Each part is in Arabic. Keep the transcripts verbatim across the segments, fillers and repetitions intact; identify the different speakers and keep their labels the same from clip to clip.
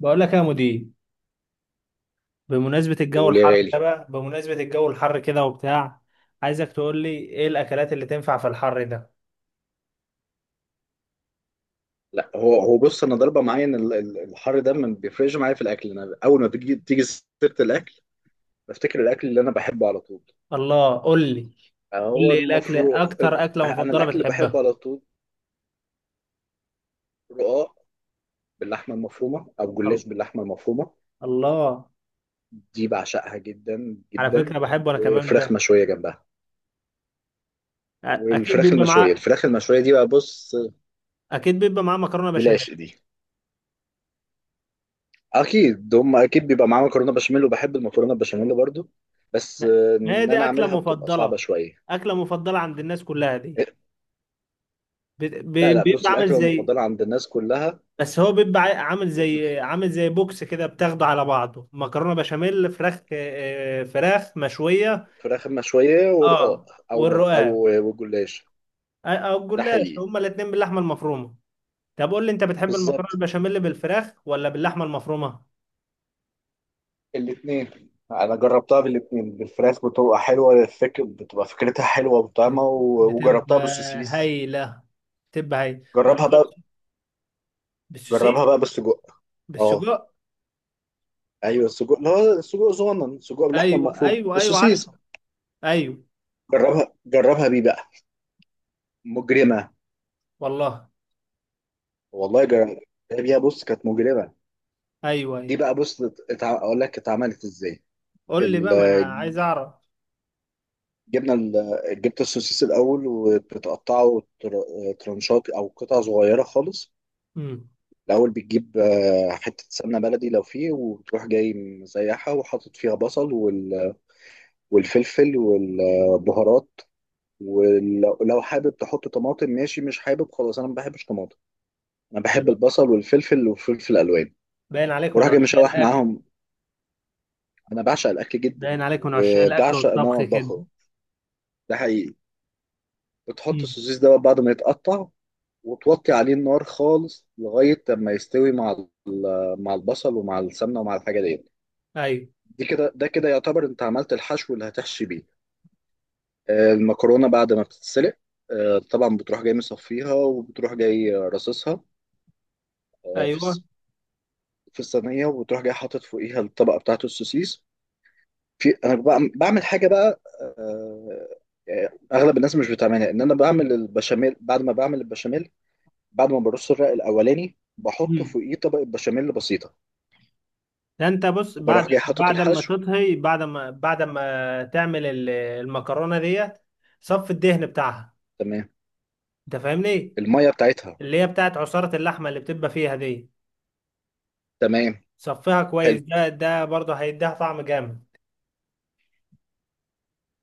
Speaker 1: بقول لك يا مدير، بمناسبة الجو
Speaker 2: بقول يا
Speaker 1: الحر ده
Speaker 2: غالي.
Speaker 1: بقى، بمناسبة الجو الحر كده وبتاع. عايزك تقول لي ايه الاكلات اللي تنفع في الحر ده؟
Speaker 2: لا هو هو بص، انا ضربه معايا ان ال- ال- الحر ده ما بيفرقش معايا في الاكل. انا اول ما بتيجي تيجي سيره الاكل بفتكر الاكل اللي انا بحبه على طول.
Speaker 1: الله، قول لي. قول
Speaker 2: هو
Speaker 1: لي إيه الاكل،
Speaker 2: المفروض
Speaker 1: اكتر اكلة
Speaker 2: انا
Speaker 1: مفضلة
Speaker 2: الاكل اللي بحبه
Speaker 1: بتحبها.
Speaker 2: على طول رقاق باللحمه المفرومه او جلاش
Speaker 1: ال-
Speaker 2: باللحمه المفرومه،
Speaker 1: الله.
Speaker 2: دي بعشقها جدا
Speaker 1: على
Speaker 2: جدا.
Speaker 1: فكرة بحبه انا كمان
Speaker 2: وفراخ
Speaker 1: ده.
Speaker 2: مشويه جنبها.
Speaker 1: أ- اكيد
Speaker 2: والفراخ
Speaker 1: بيبقى
Speaker 2: المشويه،
Speaker 1: معاه،
Speaker 2: الفراخ المشويه دي بقى، بص،
Speaker 1: اكيد بيبقى معاه مكرونة
Speaker 2: دي
Speaker 1: بشاميل.
Speaker 2: العشق دي. اكيد هم اكيد بيبقى معاهم مكرونه بشاميل، وبحب المكرونه بشاميل برضو. بس
Speaker 1: ما
Speaker 2: آه،
Speaker 1: ما هي
Speaker 2: ان
Speaker 1: دي
Speaker 2: انا
Speaker 1: اكلة
Speaker 2: اعملها بتبقى صعبه
Speaker 1: مفضلة،
Speaker 2: شويه.
Speaker 1: اكلة مفضلة عند الناس كلها دي. بت-
Speaker 2: لا،
Speaker 1: ب-
Speaker 2: لا، بص،
Speaker 1: بيبقى عامل
Speaker 2: الاكله
Speaker 1: زي،
Speaker 2: المفضله عند الناس كلها
Speaker 1: بس هو بيبقى عا- عامل زي، عامل زي بوكس كده، بتاخده على بعضه مكرونه بشاميل، فراخ، آه، فراخ مشويه.
Speaker 2: فراخ مشويه ورقاق
Speaker 1: اه،
Speaker 2: او م- او
Speaker 1: والرقاق.
Speaker 2: وجلاش.
Speaker 1: آه، او
Speaker 2: ده
Speaker 1: الجلاش،
Speaker 2: حقيقي.
Speaker 1: هما الاثنين باللحمه المفرومه. طب قول لي، انت بتحب المكرونه
Speaker 2: بالظبط،
Speaker 1: البشاميل بالفراخ ولا باللحمه المفرومه؟
Speaker 2: الاثنين انا جربتها بالاثنين. بالفراخ بتبقى حلوه، الفكر بتبقى فكرتها حلوه وطعمه،
Speaker 1: بت-
Speaker 2: و-
Speaker 1: بتبقى
Speaker 2: وجربتها بالسوسيس.
Speaker 1: هايله، بتبقى هايله
Speaker 2: جربها بقى
Speaker 1: جربتها بالسوسيس.
Speaker 2: جربها بقى بالسجق. اه،
Speaker 1: بالسجق.
Speaker 2: ايوه، السجق، اللي هو السجق صغنن، سجق باللحمه
Speaker 1: ايوه،
Speaker 2: المفرومه
Speaker 1: ايوه، ايوه،
Speaker 2: السوسيس.
Speaker 1: عارفه. ايوه.
Speaker 2: جربها جربها بيه بقى، مجرمه.
Speaker 1: والله.
Speaker 2: والله جربها بيها، بص، كانت مجرمه.
Speaker 1: ايوه، ايوه.
Speaker 2: دي بقى، بص، اتع- اقول لك اتعملت ازاي.
Speaker 1: قول لي
Speaker 2: ال-
Speaker 1: بقى، ما انا عايز اعرف.
Speaker 2: جبنا ال- جبت السوسيس الاول وبتقطعه تر- ترانشات او قطع صغيره خالص.
Speaker 1: امم.
Speaker 2: الاول بتجيب آه، حته سمنه بلدي لو فيه، وتروح جاي مسيحها وحاطط فيها بصل وال- والفلفل والبهارات. ولو لو حابب تحط طماطم ماشي، مش حابب خلاص، انا ما بحبش طماطم. انا بحب البصل والفلفل وفلفل الوان.
Speaker 1: باين عليكم من
Speaker 2: بروح جاي
Speaker 1: عشاق
Speaker 2: مشوح
Speaker 1: الاكل.
Speaker 2: معاهم. انا بعشق الاكل جدا،
Speaker 1: باين عليك من عشاق الاكل
Speaker 2: وبعشق ان انا
Speaker 1: والطبخ كده.
Speaker 2: اطبخه. ده حقيقي. بتحط
Speaker 1: مم.
Speaker 2: السوسيس ده بعد ما يتقطع، وتوطي عليه النار خالص لغاية لما يستوي مع ال- مع البصل ومع السمنة ومع الحاجة دي.
Speaker 1: ايوه،
Speaker 2: دي كده ده كده يعتبر انت عملت الحشو اللي هتحشي بيه. آه، المكرونة بعد ما بتتسلق، آه، طبعا بتروح جاي مصفيها، وبتروح جاي رصصها آه، في
Speaker 1: ايوه.
Speaker 2: الص- في الصينية، وبتروح جاي حاطط فوقيها الطبقة بتاعت السوسيس. في انا بعم- بعمل حاجة بقى، آه، آه، اغلب الناس مش بتعملها، ان انا بعمل البشاميل. بعد ما بعمل البشاميل بعد ما برص الرق الاولاني بحط
Speaker 1: مم.
Speaker 2: فوقيه طبقه بشاميل بسيطه،
Speaker 1: ده انت بص، بعد
Speaker 2: وبروح جاي حاطط
Speaker 1: بعد ما
Speaker 2: الحشو.
Speaker 1: تطهي، بعد ما بعد ما تعمل ال- المكرونه ديت، صف الدهن بتاعها،
Speaker 2: تمام،
Speaker 1: انت فاهمني؟
Speaker 2: الميه بتاعتها.
Speaker 1: اللي هي بتاعت عصاره اللحمه اللي بتبقى فيها دي،
Speaker 2: تمام،
Speaker 1: صفيها كويس.
Speaker 2: حلو.
Speaker 1: ده ده برضه هيديها طعم جامد.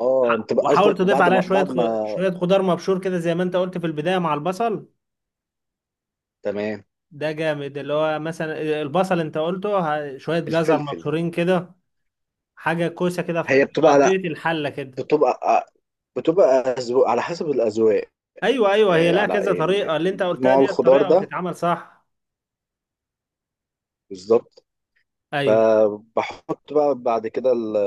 Speaker 2: اه، انت
Speaker 1: ح-
Speaker 2: بقى
Speaker 1: وحاول
Speaker 2: قصدك
Speaker 1: تضيف
Speaker 2: بعد
Speaker 1: عليها
Speaker 2: ما
Speaker 1: شويه
Speaker 2: بعد
Speaker 1: خ-
Speaker 2: ما
Speaker 1: شويه خضار مبشور كده، زي ما انت قلت في البدايه مع البصل.
Speaker 2: تمام.
Speaker 1: ده جامد، اللي هو مثلا البصل انت قلته، ه- شويه جزر
Speaker 2: الفلفل.
Speaker 1: مبشورين كده، حاجه كوسه كده
Speaker 2: هي
Speaker 1: في
Speaker 2: بتبقى،
Speaker 1: قضيه
Speaker 2: لا،
Speaker 1: الحله كده.
Speaker 2: بتبقى آه، بتبقى أذواق، على حسب الاذواق.
Speaker 1: ايوه، ايوه، هي
Speaker 2: آه،
Speaker 1: لها كذا
Speaker 2: على
Speaker 1: طريقه،
Speaker 2: ال-
Speaker 1: اللي انت قلتها
Speaker 2: نوع
Speaker 1: دي
Speaker 2: الخضار
Speaker 1: الطريقه
Speaker 2: ده.
Speaker 1: وتتعمل صح.
Speaker 2: بالظبط.
Speaker 1: ايوه.
Speaker 2: فبحط بقى بعد كده ال-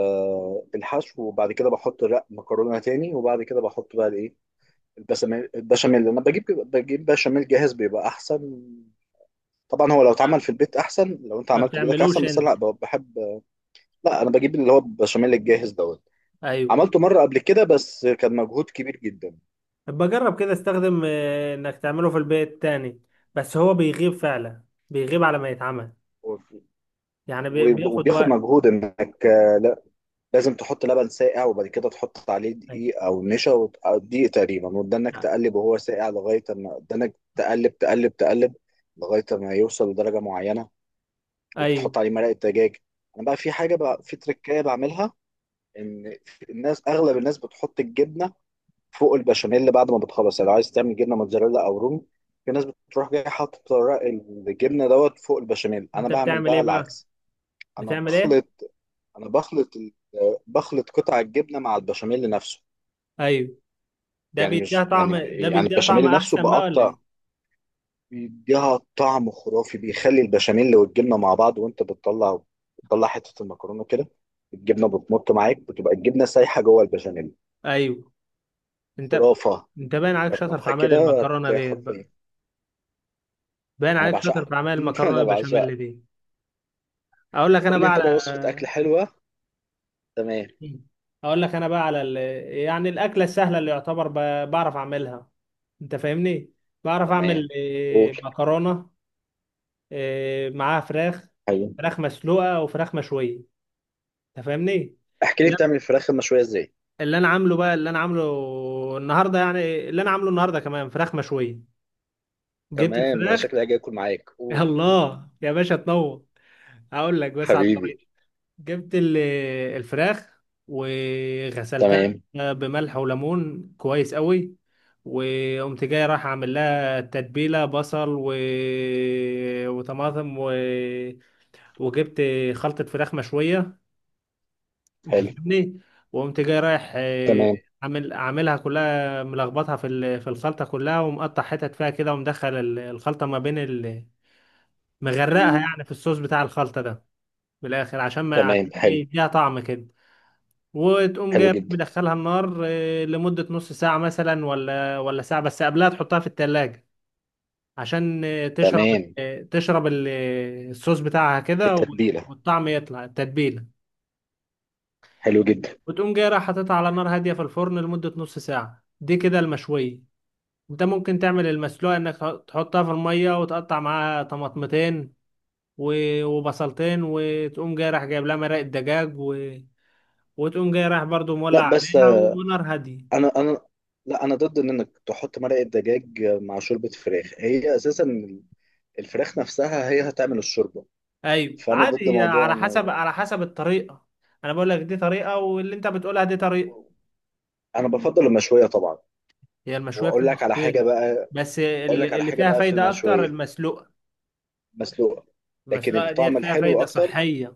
Speaker 2: الحشو، وبعد كده بحط رق مكرونه تاني، وبعد كده بحط بقى الايه، البشاميل البشاميل لما بجيب بجيب بشاميل جاهز بيبقى احسن. طبعا، هو لو اتعمل في البيت احسن، لو انت
Speaker 1: ما
Speaker 2: عملته بايدك
Speaker 1: بتعملوش
Speaker 2: احسن، بس أنا لا
Speaker 1: انت؟
Speaker 2: ب- بحب. لا، انا بجيب اللي هو البشاميل الجاهز دوت.
Speaker 1: ايوه.
Speaker 2: عملته مره قبل كده بس كان مجهود كبير جدا.
Speaker 1: بجرب كده، استخدم، آه، انك تعمله في البيت تاني، بس هو بيغيب فعلا، بيغيب على ما يتعمل.
Speaker 2: و-
Speaker 1: يعني بي-
Speaker 2: و-
Speaker 1: بياخد
Speaker 2: وبياخد
Speaker 1: وقت.
Speaker 2: مجهود انك آه، لا، لازم تحط لبن ساقع، وبعد كده تحط عليه
Speaker 1: ايوه،
Speaker 2: دقيق او نشا وت- أو دقيق تقريبا، وتدنك تقلب وهو ساقع لغايه ما تدنك تقلب تقلب تقلب لغايه ما يوصل لدرجه معينه.
Speaker 1: ايوه.
Speaker 2: وبتحط عليه مرقه دجاج. انا بقى في حاجه بقى، في تريكايه بعملها. ان الناس اغلب الناس بتحط الجبنه فوق البشاميل بعد ما بتخلص، يعني لو عايز تعمل جبنه موتزاريلا او رومي، في ناس بتروح جاي حاطط ورق الجبنه دوت فوق البشاميل. انا
Speaker 1: انت
Speaker 2: بعمل
Speaker 1: بتعمل
Speaker 2: بقى
Speaker 1: ايه بقى؟
Speaker 2: العكس. انا
Speaker 1: بتعمل ايه؟
Speaker 2: بخلط انا بخلط ال- بخلط قطع الجبنه مع البشاميل نفسه.
Speaker 1: ايوه، ده
Speaker 2: يعني
Speaker 1: بيديها
Speaker 2: مش،
Speaker 1: طعم،
Speaker 2: يعني
Speaker 1: ده
Speaker 2: يعني
Speaker 1: بيديها طعم
Speaker 2: البشاميل نفسه
Speaker 1: احسن بقى ولا
Speaker 2: بقطع،
Speaker 1: ايه؟
Speaker 2: بيديها طعم خرافي، بيخلي البشاميل والجبنه مع بعض، وانت بتطلع بتطلع حته المكرونه كده، الجبنه بتمط معاك، بتبقى الجبنه سايحه جوه البشاميل.
Speaker 1: ايوه. انت
Speaker 2: خرافه.
Speaker 1: انت باين عليك شاطر في
Speaker 2: جربها
Speaker 1: عمل
Speaker 2: كده
Speaker 1: المكرونه
Speaker 2: تلاقيها
Speaker 1: ديت بقى.
Speaker 2: خرافيه.
Speaker 1: باين
Speaker 2: انا
Speaker 1: عليك شاطر
Speaker 2: بعشقها
Speaker 1: في اعمال المكرونه
Speaker 2: انا
Speaker 1: البشاميل
Speaker 2: بعشقها.
Speaker 1: دي. اقول لك انا
Speaker 2: قول لي
Speaker 1: بقى
Speaker 2: انت
Speaker 1: على
Speaker 2: بقى وصفه اكل حلوه. تمام.
Speaker 1: اقول لك انا بقى على ال... يعني الاكله السهله اللي يعتبر ب... بعرف اعملها، انت فاهمني؟ بعرف
Speaker 2: تمام،
Speaker 1: اعمل
Speaker 2: قول،
Speaker 1: إيه، مكرونه، إيه، معاها فراخ،
Speaker 2: حبيبي.
Speaker 1: فراخ مسلوقه وفراخ مشويه، انت فاهمني؟
Speaker 2: احكي لي
Speaker 1: لا،
Speaker 2: بتعمل الفراخ المشويه ازاي؟
Speaker 1: اللي انا عامله بقى اللي انا عامله النهارده، يعني اللي انا عامله النهارده كمان فراخ مشويه. جبت
Speaker 2: تمام، انا
Speaker 1: الفراخ
Speaker 2: شكلي هاجي اكل معاك،
Speaker 1: يا
Speaker 2: قول
Speaker 1: الله يا باشا، تنور. هقول لك بس على
Speaker 2: حبيبي.
Speaker 1: الطريقه. جبت ال- الفراخ وغسلتها
Speaker 2: تمام.
Speaker 1: بملح وليمون كويس قوي، وقمت جاي رايح اعمل لها تتبيله بصل و... وطماطم و... وجبت خلطه فراخ مشويه، انت
Speaker 2: حلو.
Speaker 1: فاهمني؟ وقمت جاي رايح، آه،
Speaker 2: تمام.
Speaker 1: عامل، عاملها كلها، ملخبطها في ال- في الخلطه كلها، ومقطع حتت فيها كده، ومدخل ال- الخلطه ما بين ال... مغرقها يعني في الصوص بتاع الخلطه ده بالاخر، عشان ما
Speaker 2: تمام،
Speaker 1: عشان
Speaker 2: حلو.
Speaker 1: يديها طعم كده، وتقوم
Speaker 2: حلو
Speaker 1: جايب
Speaker 2: جدا.
Speaker 1: مدخلها النار، آه، لمدة نص ساعة مثلا، ولا ولا ساعة، بس قبلها تحطها في التلاجة عشان آه، تشرب،
Speaker 2: تمام،
Speaker 1: آه، تشرب ال- آه، الصوص بتاعها كده و-
Speaker 2: التتبيله.
Speaker 1: والطعم يطلع، التتبيلة.
Speaker 2: حلو جدا.
Speaker 1: وتقوم جاي رايح حاططها على نار هادية في الفرن لمدة نص ساعة، دي كده المشوية. انت ممكن تعمل المسلوقة، انك تح- تحطها في المية، وتقطع معاها طماطمتين و- وبصلتين، وتقوم جاي رايح جايب لها مرقة دجاج و... وتقوم جاي رايح برضو
Speaker 2: لا،
Speaker 1: مولع
Speaker 2: بس
Speaker 1: عليها
Speaker 2: آه،
Speaker 1: ونار هادية.
Speaker 2: انا انا لا، انا ضد ان انك تحط مرقه دجاج مع شوربه فراخ. هي اساسا الفراخ نفسها هي هتعمل الشوربه.
Speaker 1: ايوه،
Speaker 2: فانا ضد
Speaker 1: عادي، هي
Speaker 2: موضوع،
Speaker 1: على حسب،
Speaker 2: انا
Speaker 1: على حسب الطريقه. انا بقول لك دي طريقه، واللي انت بتقولها دي طريقه.
Speaker 2: انا بفضل المشويه طبعا.
Speaker 1: هي المشويه
Speaker 2: واقول
Speaker 1: بتبقى
Speaker 2: لك على حاجه
Speaker 1: خطيره،
Speaker 2: بقى.
Speaker 1: بس
Speaker 2: واقول لك
Speaker 1: اللي
Speaker 2: على
Speaker 1: اللي
Speaker 2: حاجه
Speaker 1: فيها
Speaker 2: بقى في
Speaker 1: فايده اكتر
Speaker 2: المشويه
Speaker 1: المسلوقه.
Speaker 2: مسلوقه، لكن
Speaker 1: المسلوقه ديت
Speaker 2: الطعم
Speaker 1: فيها
Speaker 2: الحلو
Speaker 1: فايده
Speaker 2: اكتر.
Speaker 1: صحيه.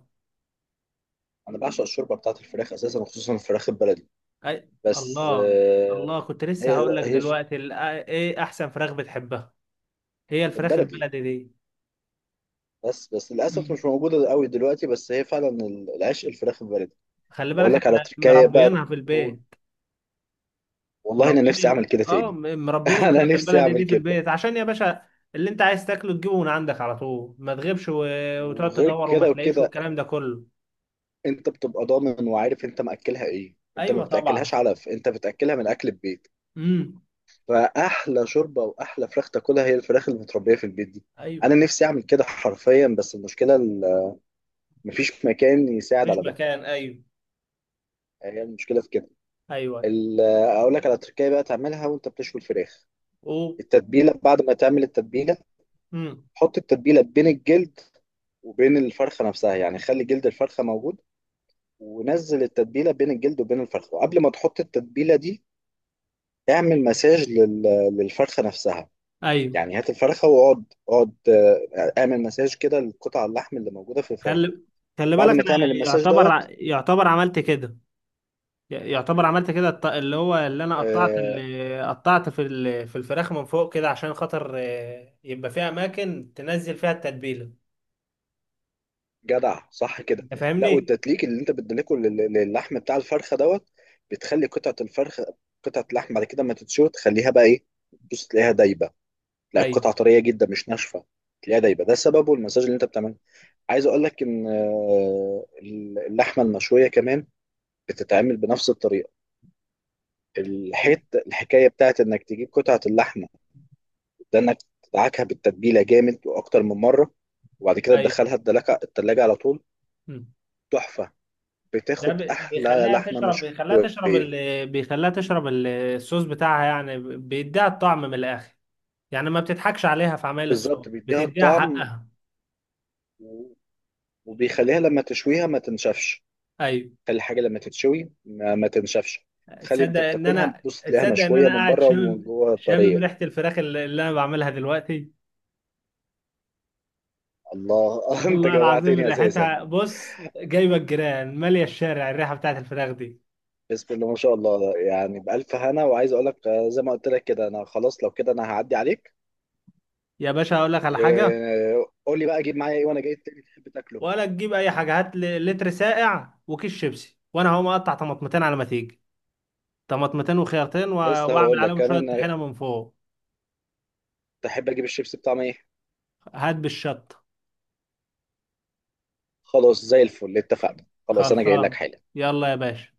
Speaker 2: انا بعشق الشوربه بتاعت الفراخ اساسا، وخصوصا الفراخ البلدي.
Speaker 1: أي...
Speaker 2: بس
Speaker 1: الله، الله.
Speaker 2: آه،
Speaker 1: كنت لسه
Speaker 2: هي
Speaker 1: هقول لك
Speaker 2: هي
Speaker 1: دلوقتي ال- ايه احسن فراخ بتحبها. هي الفراخ
Speaker 2: البلدي.
Speaker 1: البلدي دي.
Speaker 2: بس بس للاسف
Speaker 1: مم.
Speaker 2: مش موجوده قوي دلوقتي، بس هي فعلا العشق، الفراخ البلدي.
Speaker 1: خلي
Speaker 2: واقول
Speaker 1: بالك،
Speaker 2: لك على
Speaker 1: احنا
Speaker 2: تركايه بقى،
Speaker 1: مربيينها في
Speaker 2: تقول،
Speaker 1: البيت.
Speaker 2: والله انا
Speaker 1: مربين
Speaker 2: نفسي اعمل
Speaker 1: ال...
Speaker 2: كده
Speaker 1: اه،
Speaker 2: تاني.
Speaker 1: م- مربين
Speaker 2: انا
Speaker 1: الفراخ
Speaker 2: نفسي
Speaker 1: البلدي
Speaker 2: اعمل
Speaker 1: دي في
Speaker 2: كده.
Speaker 1: البيت، عشان يا باشا اللي انت عايز تاكله تجيبه من عندك على طول، ما تغيبش و... وتقعد
Speaker 2: وغير
Speaker 1: تدور وما
Speaker 2: كده
Speaker 1: تلاقيش،
Speaker 2: وكده،
Speaker 1: والكلام ده كله.
Speaker 2: انت بتبقى ضامن وعارف انت مأكلها ايه. انت ما
Speaker 1: ايوه، طبعا.
Speaker 2: بتاكلهاش علف، انت بتاكلها من اكل البيت.
Speaker 1: امم.
Speaker 2: فاحلى شوربه واحلى فراخ تاكلها هي الفراخ اللي متربيه في البيت دي. انا
Speaker 1: ايوه.
Speaker 2: نفسي اعمل كده حرفيا، بس المشكله ال- مفيش مكان يساعد
Speaker 1: مفيش
Speaker 2: على ده.
Speaker 1: مكان، ايوه.
Speaker 2: هي المشكله في كده.
Speaker 1: ايوه.
Speaker 2: ال- اقول لك على تركايه بقى تعملها وانت بتشوي الفراخ.
Speaker 1: او.
Speaker 2: التتبيله، بعد ما تعمل التتبيله
Speaker 1: امم.
Speaker 2: حط التتبيله بين الجلد وبين الفرخه نفسها، يعني خلي جلد الفرخه موجود، ونزل التتبيله بين الجلد وبين الفرخه. وقبل ما تحط التتبيله دي اعمل مساج لل... للفرخه نفسها.
Speaker 1: ايوه.
Speaker 2: يعني هات الفرخه، واقعد اقعد آه، اعمل مساج كده لقطع اللحم اللي موجوده في الفرخه.
Speaker 1: خلي خلي
Speaker 2: بعد
Speaker 1: بالك،
Speaker 2: ما تعمل
Speaker 1: انا
Speaker 2: المساج
Speaker 1: يعتبر ع-
Speaker 2: دوت
Speaker 1: يعتبر عملت كده. ي- يعتبر عملت كده، الط- اللي هو اللي انا قطعت
Speaker 2: آه،
Speaker 1: اللي قطعت في ال- في الفراخ من فوق كده، عشان خاطر، آه، يبقى فيها اماكن تنزل فيها التتبيله،
Speaker 2: جدع صح كده.
Speaker 1: انت
Speaker 2: لا،
Speaker 1: فاهمني؟
Speaker 2: والتدليك اللي انت بتدلكه لل- للحم بتاع الفرخه دوت بتخلي قطعه الفرخه قطعه اللحم بعد كده ما تتشوي، تخليها بقى ايه، بص، تلاقيها دايبه. لا،
Speaker 1: ايوه.
Speaker 2: القطعه طريه جدا مش ناشفه، تلاقيها دايبه. ده سببه المساج اللي انت بتعمله. عايز اقول لك ان آه، اللحمه المشويه كمان بتتعمل بنفس الطريقه.
Speaker 1: ال-
Speaker 2: الحت الحكايه بتاعت انك تجيب قطعه اللحمه ده، انك تدعكها بالتتبيله جامد واكتر من مره، وبعد كده
Speaker 1: ايوه.
Speaker 2: تدخلها الدلاجه التلاجه على طول.
Speaker 1: مم.
Speaker 2: تحفه،
Speaker 1: ده
Speaker 2: بتاخد
Speaker 1: بي-
Speaker 2: احلى
Speaker 1: بيخليها
Speaker 2: لحمه
Speaker 1: تشرب، بيخليها تشرب
Speaker 2: مشويه.
Speaker 1: ال... بيخليها تشرب ال- الصوص بتاعها، يعني ب- بيديها الطعم من الاخر، يعني ما بتضحكش عليها في عمايل الصوص،
Speaker 2: بالظبط، بيديها
Speaker 1: بتديها
Speaker 2: الطعم.
Speaker 1: حقها.
Speaker 2: و- وبيخليها لما تشويها ما تنشفش.
Speaker 1: ايوه.
Speaker 2: خلي الحاجه لما تتشوي ما, ما تنشفش، تخلي انت
Speaker 1: تصدق ان
Speaker 2: بتاكلها،
Speaker 1: انا
Speaker 2: بتبص تلاقيها
Speaker 1: تصدق ان
Speaker 2: مشويه
Speaker 1: انا
Speaker 2: من
Speaker 1: قاعد
Speaker 2: بره ومن
Speaker 1: شامم،
Speaker 2: جوه
Speaker 1: شامم
Speaker 2: طريه.
Speaker 1: ريحه الفراخ اللي اللي انا بعملها دلوقتي.
Speaker 2: الله انت
Speaker 1: والله العظيم
Speaker 2: جوعتني اساسا.
Speaker 1: ريحتها، بص، جايبه الجيران ماليه الشارع، الريحه بتاعت الفراخ دي.
Speaker 2: بسم الله ما شاء الله، يعني بألف هنا. وعايز اقول لك آه، زي ما قلت لك كده، انا خلاص لو كده انا هعدي عليك.
Speaker 1: يا باشا، اقول لك على حاجه.
Speaker 2: وقول لي بقى اجيب معايا ايه وانا جاي تاني تحب تاكله.
Speaker 1: ولا تجيب اي حاجه، هات لي لتر ساقع وكيس شيبسي، وانا هقوم اقطع طماطمتين على ما تيجي. طماطمتين وخيارتين و-
Speaker 2: لسه
Speaker 1: واعمل
Speaker 2: هقول لك
Speaker 1: عليهم شوية
Speaker 2: كمان آه،
Speaker 1: طحينة من فوق.
Speaker 2: تحب اجيب الشيبس بطعم ايه؟
Speaker 1: هات بالشطة.
Speaker 2: خلاص، زي الفل، اتفقنا. خلاص، انا جاي لك
Speaker 1: خلصان.
Speaker 2: حالا.
Speaker 1: يلا يا باشا.